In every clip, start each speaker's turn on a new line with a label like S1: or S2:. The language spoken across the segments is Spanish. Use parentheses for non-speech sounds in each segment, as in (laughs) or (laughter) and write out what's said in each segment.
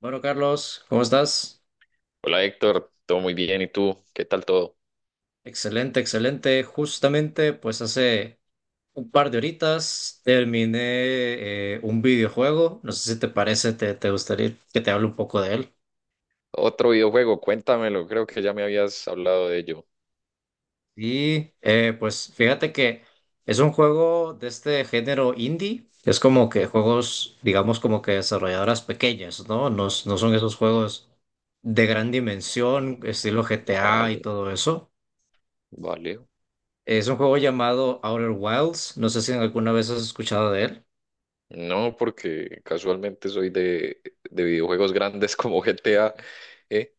S1: Bueno, Carlos, ¿cómo estás?
S2: Hola Héctor, todo muy bien. ¿Y tú? ¿Qué tal todo?
S1: Excelente, excelente. Justamente, pues hace un par de horitas terminé un videojuego. No sé si te parece, te gustaría que te hable un poco de él.
S2: Otro videojuego, cuéntamelo. Creo que ya me habías hablado de ello.
S1: Y pues fíjate que es un juego de este género indie. Es como que juegos, digamos, como que desarrolladoras pequeñas, ¿no? No, no son esos juegos de gran
S2: Mm,
S1: dimensión, estilo GTA y
S2: Vale,
S1: todo eso.
S2: vale.
S1: Es un juego llamado Outer Wilds. No sé si alguna vez has escuchado de él.
S2: No, porque casualmente soy de videojuegos grandes (laughs) como GTA, ¿eh?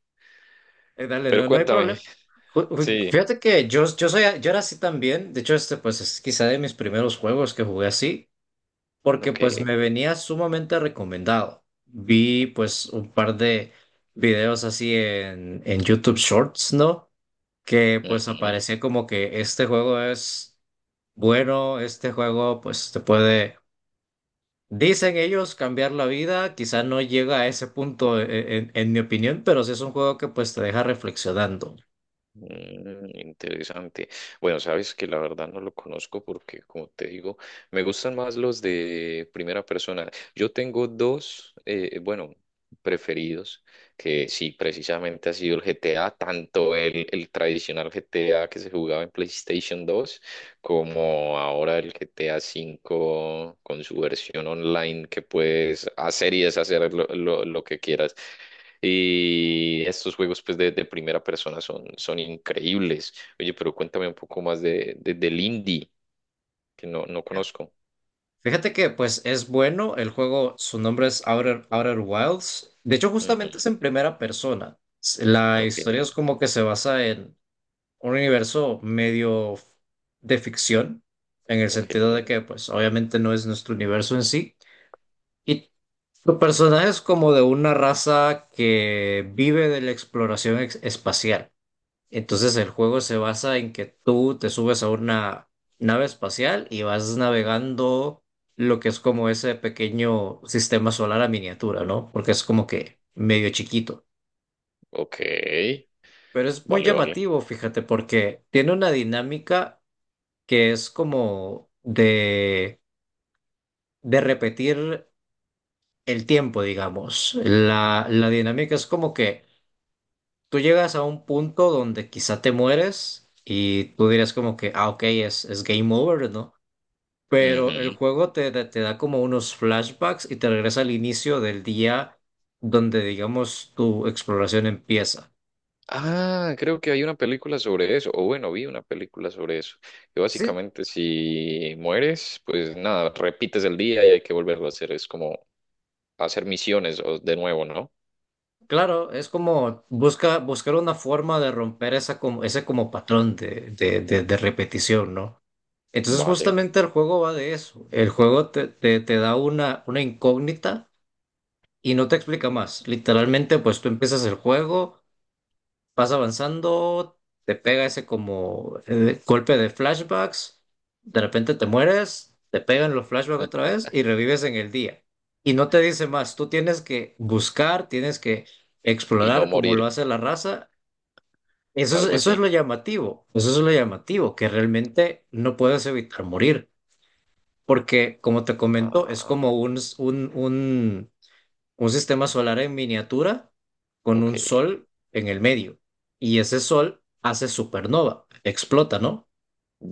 S1: Dale,
S2: Pero
S1: no, no hay
S2: cuéntame.
S1: problema.
S2: Sí,
S1: Fíjate que yo era así también. De hecho, este pues es quizá de mis primeros juegos que jugué así, porque pues
S2: ok.
S1: me venía sumamente recomendado. Vi pues un par de videos así en YouTube Shorts, ¿no? Que pues
S2: Ujú.
S1: aparecía como que este juego es, bueno, este juego pues te puede, dicen ellos, cambiar la vida, quizás no llega a ese punto en mi opinión, pero sí es un juego que pues te deja reflexionando.
S2: Mm, interesante. Bueno, sabes que la verdad no lo conozco porque, como te digo, me gustan más los de primera persona. Yo tengo dos, bueno, preferidos, que sí, precisamente ha sido el GTA, tanto el tradicional GTA que se jugaba en PlayStation 2 como ahora el GTA 5 con su versión online que puedes hacer y deshacer lo, lo que quieras. Y estos juegos pues de primera persona son, son increíbles. Oye, pero cuéntame un poco más de- del indie, que no, no conozco.
S1: Fíjate que pues es bueno, el juego, su nombre es Outer Wilds, de hecho justamente
S2: Ujú,
S1: es en primera persona. La
S2: ok,
S1: historia es como que se basa en un universo medio de ficción, en el
S2: ok,
S1: sentido de que pues obviamente no es nuestro universo en sí, y tu personaje es como de una raza que vive de la exploración espacial. Entonces el juego se basa en que tú te subes a una nave espacial y vas navegando lo que es como ese pequeño sistema solar a miniatura, ¿no? Porque es como que medio chiquito.
S2: ok.
S1: Pero es muy
S2: Vale, vale.
S1: llamativo, fíjate, porque tiene una dinámica que es como de repetir el tiempo, digamos. La dinámica es como que tú llegas a un punto donde quizá te mueres y tú dirás como que, ah, ok, es game over, ¿no? Pero
S2: Ujú.
S1: el juego te da como unos flashbacks y te regresa al inicio del día donde, digamos, tu exploración empieza.
S2: Ah, creo que hay una película sobre eso, o bueno, vi una película sobre eso, que
S1: Sí,
S2: básicamente si mueres, pues nada, repites el día y hay que volverlo a hacer, es como hacer misiones o- de nuevo, ¿no?
S1: claro, es como buscar una forma de romper esa como, ese como patrón de repetición, ¿no? Entonces
S2: Vale,
S1: justamente el juego va de eso. El juego te da una incógnita y no te explica más. Literalmente, pues tú empiezas el juego. Vas avanzando, te pega ese como golpe de flashbacks, de repente te mueres, te pegan los flashbacks otra vez y revives en el día. Y no te dice más, tú tienes que buscar, tienes que
S2: y no
S1: explorar como lo
S2: morir,
S1: hace la raza. Eso es,
S2: algo
S1: eso es
S2: así.
S1: lo llamativo, eso es lo llamativo, que realmente no puedes evitar morir, porque como te comento, es
S2: Ah,
S1: como un sistema solar en miniatura con
S2: ok.
S1: un sol en el medio. Y ese sol hace supernova, explota, ¿no?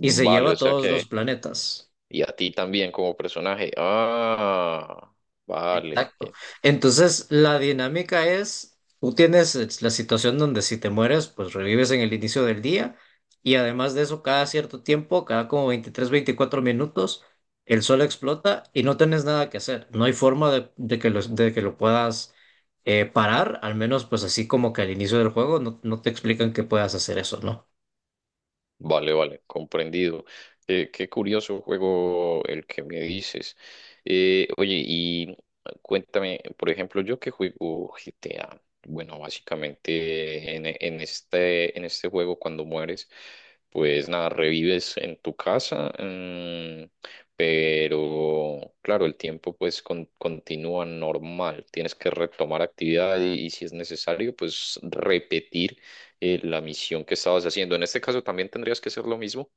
S1: Y se lleva
S2: o
S1: a
S2: sea
S1: todos los
S2: que.
S1: planetas.
S2: Y a ti también como personaje. Ah, vale.
S1: Exacto.
S2: Qué.
S1: Entonces, la dinámica es, tú tienes es la situación donde si te mueres, pues revives en el inicio del día y además de eso, cada cierto tiempo, cada como 23 24 minutos, el sol explota y no tienes nada que hacer. No hay forma de que lo puedas parar, al menos pues así como que al inicio del juego no te explican que puedas hacer eso, ¿no?
S2: Vale, vale, comprendido. Qué curioso juego el que me dices. Oye, y cuéntame, por ejemplo, yo que juego GTA. Bueno, básicamente en este juego cuando mueres, pues nada, revives en tu casa, mm, pero claro, el tiempo pues con- continúa normal. Tienes que retomar actividad y si es necesario, pues repetir la misión que estabas haciendo. En este caso también tendrías que hacer lo mismo.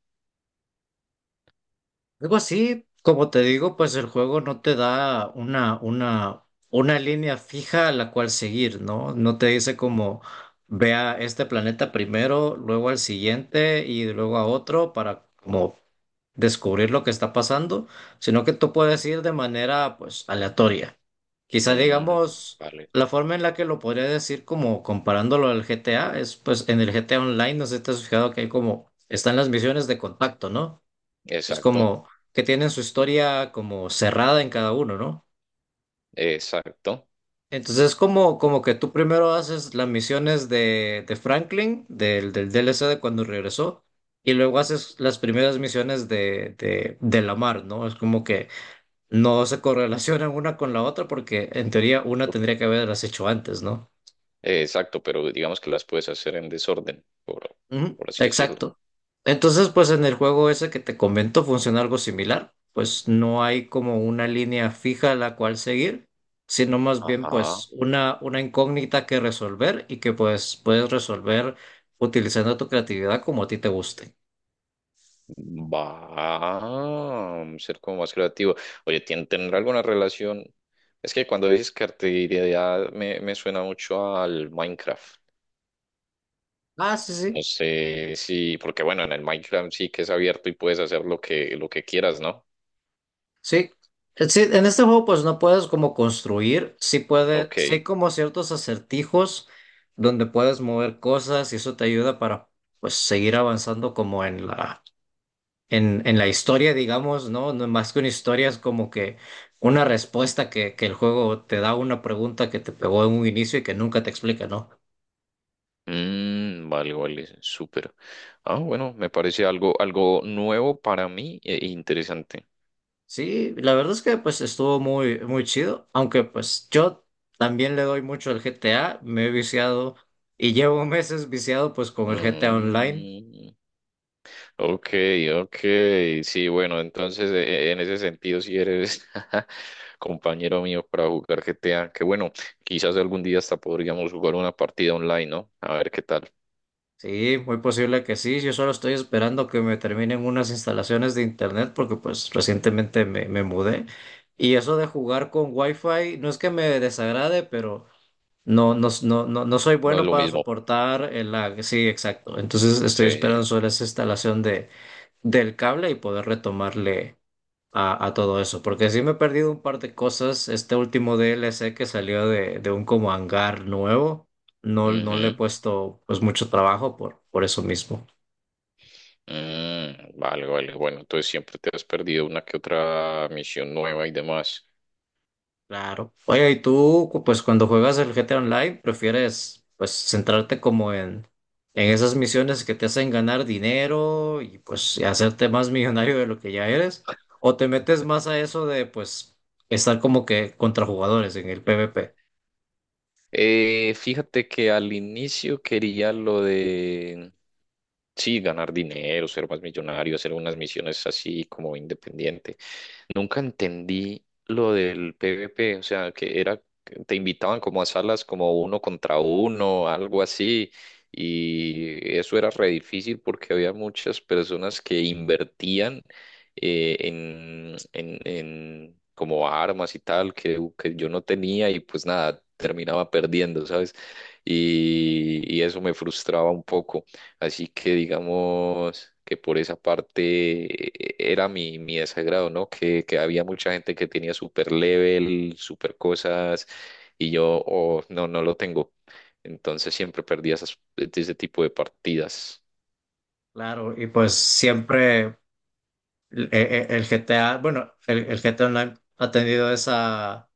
S1: Algo así, como te digo, pues el juego no te da una línea fija a la cual seguir, ¿no? No te dice como ve a este planeta primero, luego al siguiente y luego a otro para como descubrir lo que está pasando, sino que tú puedes ir de manera pues aleatoria. Quizá
S2: Mm,
S1: digamos,
S2: vale,
S1: la forma en la que lo podría decir como comparándolo al GTA es pues en el GTA Online, no sé si te has fijado que hay como están las misiones de contacto, ¿no? Es
S2: exacto,
S1: como que tienen su historia como cerrada en cada uno, ¿no?
S2: exacto,
S1: Entonces es como que tú primero haces las misiones de Franklin, del DLC de cuando regresó, y luego haces las primeras misiones de Lamar, ¿no? Es como que no se correlacionan una con la otra porque en teoría una tendría que haberlas hecho antes, ¿no?
S2: exacto, pero digamos que las puedes hacer en desorden,
S1: Ujú,
S2: por así decirlo.
S1: exacto. Entonces, pues en el juego ese que te comento funciona algo similar. Pues no hay como una línea fija a la cual seguir, sino más bien
S2: Ajá,
S1: pues una incógnita que resolver y que pues puedes resolver utilizando tu creatividad como a ti te guste.
S2: va a ser como más creativo. Oye, ¿tien- ¿tendrá alguna relación? Es que cuando dices creatividad me, me suena mucho al Minecraft.
S1: Ah, sí, sí.
S2: No sé si, porque bueno, en el Minecraft sí que es abierto y puedes hacer lo que quieras, ¿no?
S1: Sí. Sí, en este juego pues no puedes como construir, sí
S2: Ok.
S1: hay como ciertos acertijos donde puedes mover cosas y eso te ayuda para pues seguir avanzando como en la en la historia, digamos, ¿no? No, más que una historia es como que una respuesta que el juego te da a una pregunta que te pegó en un inicio y que nunca te explica, ¿no?
S2: Mm, vale, vale, súper. Ah, bueno, me parece algo, algo nuevo para mí e e interesante.
S1: Sí, la verdad es que pues estuvo muy, muy chido, aunque pues yo también le doy mucho al GTA, me he viciado y llevo meses viciado pues con el GTA Online.
S2: Mm, ok, ok, sí, bueno, entonces e- e, en ese sentido si eres (laughs) compañero mío para jugar GTA, que bueno, quizás algún día hasta podríamos jugar una partida online, ¿no? A ver qué tal.
S1: Sí, muy posible que sí. Yo solo estoy esperando que me terminen unas instalaciones de internet porque pues recientemente me mudé. Y eso de jugar con Wi-Fi no es que me desagrade, pero no, no, no, no, no soy
S2: No es
S1: bueno
S2: lo
S1: para
S2: mismo.
S1: soportar el lag. Sí, exacto. Entonces estoy
S2: Sí.
S1: esperando solo esa instalación del cable y poder retomarle a todo eso, porque sí me he perdido un par de cosas. Este último DLC que salió de un como hangar nuevo, no le he
S2: Ujú.
S1: puesto pues mucho trabajo por eso mismo.
S2: Mm, vale, vale, bueno, entonces siempre te has perdido una que otra misión nueva y demás.
S1: Claro. Oye, ¿y tú pues cuando juegas el GTA Online prefieres pues centrarte como en esas misiones que te hacen ganar dinero y hacerte más millonario de lo que ya eres? ¿O te metes más a eso de pues estar como que contra jugadores en el PvP?
S2: Fíjate que al inicio quería lo de, sí, ganar dinero, ser más millonario, hacer unas misiones así como independiente. Nunca entendí lo del PvP, o sea, que era, que te invitaban como a salas como uno contra uno, algo así, y eso era re difícil porque había muchas personas que invertían en, en como armas y tal que yo no tenía y pues nada, terminaba perdiendo, ¿sabes? Y eso me frustraba un poco. Así que digamos que por esa parte era mi, mi desagrado, ¿no? Que había mucha gente que tenía super level, super cosas, y yo, oh, no, no lo tengo. Entonces siempre perdía esas, ese tipo de partidas.
S1: Claro, y pues siempre el GTA, bueno, el GTA Online ha tenido esa,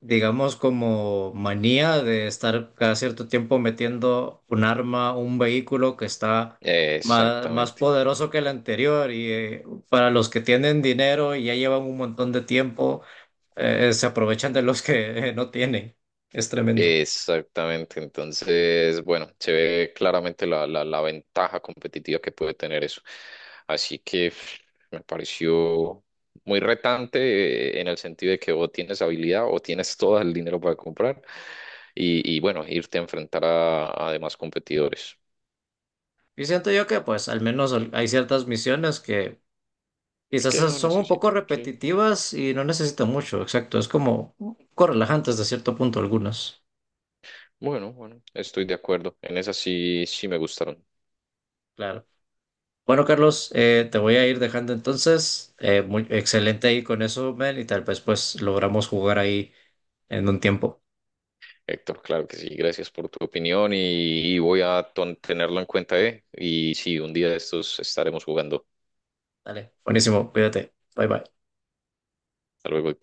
S1: digamos, como manía de estar cada cierto tiempo metiendo un arma, un vehículo que está más, más
S2: Exactamente.
S1: poderoso que el anterior. Y para los que tienen dinero y ya llevan un montón de tiempo, se aprovechan de los que (laughs) no tienen. Es tremendo.
S2: Exactamente, entonces, bueno, se ve claramente la, la ventaja competitiva que puede tener eso. Así que pf, me pareció muy retante en el sentido de que o tienes habilidad o tienes todo el dinero para comprar y bueno, irte a enfrentar a demás competidores
S1: Y siento yo que, pues, al menos hay ciertas misiones que quizás
S2: que no
S1: son un poco
S2: necesitan, sí.
S1: repetitivas y no necesitan mucho, exacto. Es como un poco relajantes de cierto punto algunas.
S2: Bueno, bueno, estoy de acuerdo. En esas sí, sí me gustaron.
S1: Claro. Bueno, Carlos, te voy a ir dejando entonces. Muy excelente ahí con eso, Mel, y tal vez pues logramos jugar ahí en un tiempo.
S2: Héctor, claro que sí, gracias por tu opinión y voy a ton- tenerlo en cuenta, ¿eh? Y sí, un día de estos estaremos jugando.
S1: Dale, buenísimo, cuídate. Bye bye.
S2: Hasta luego.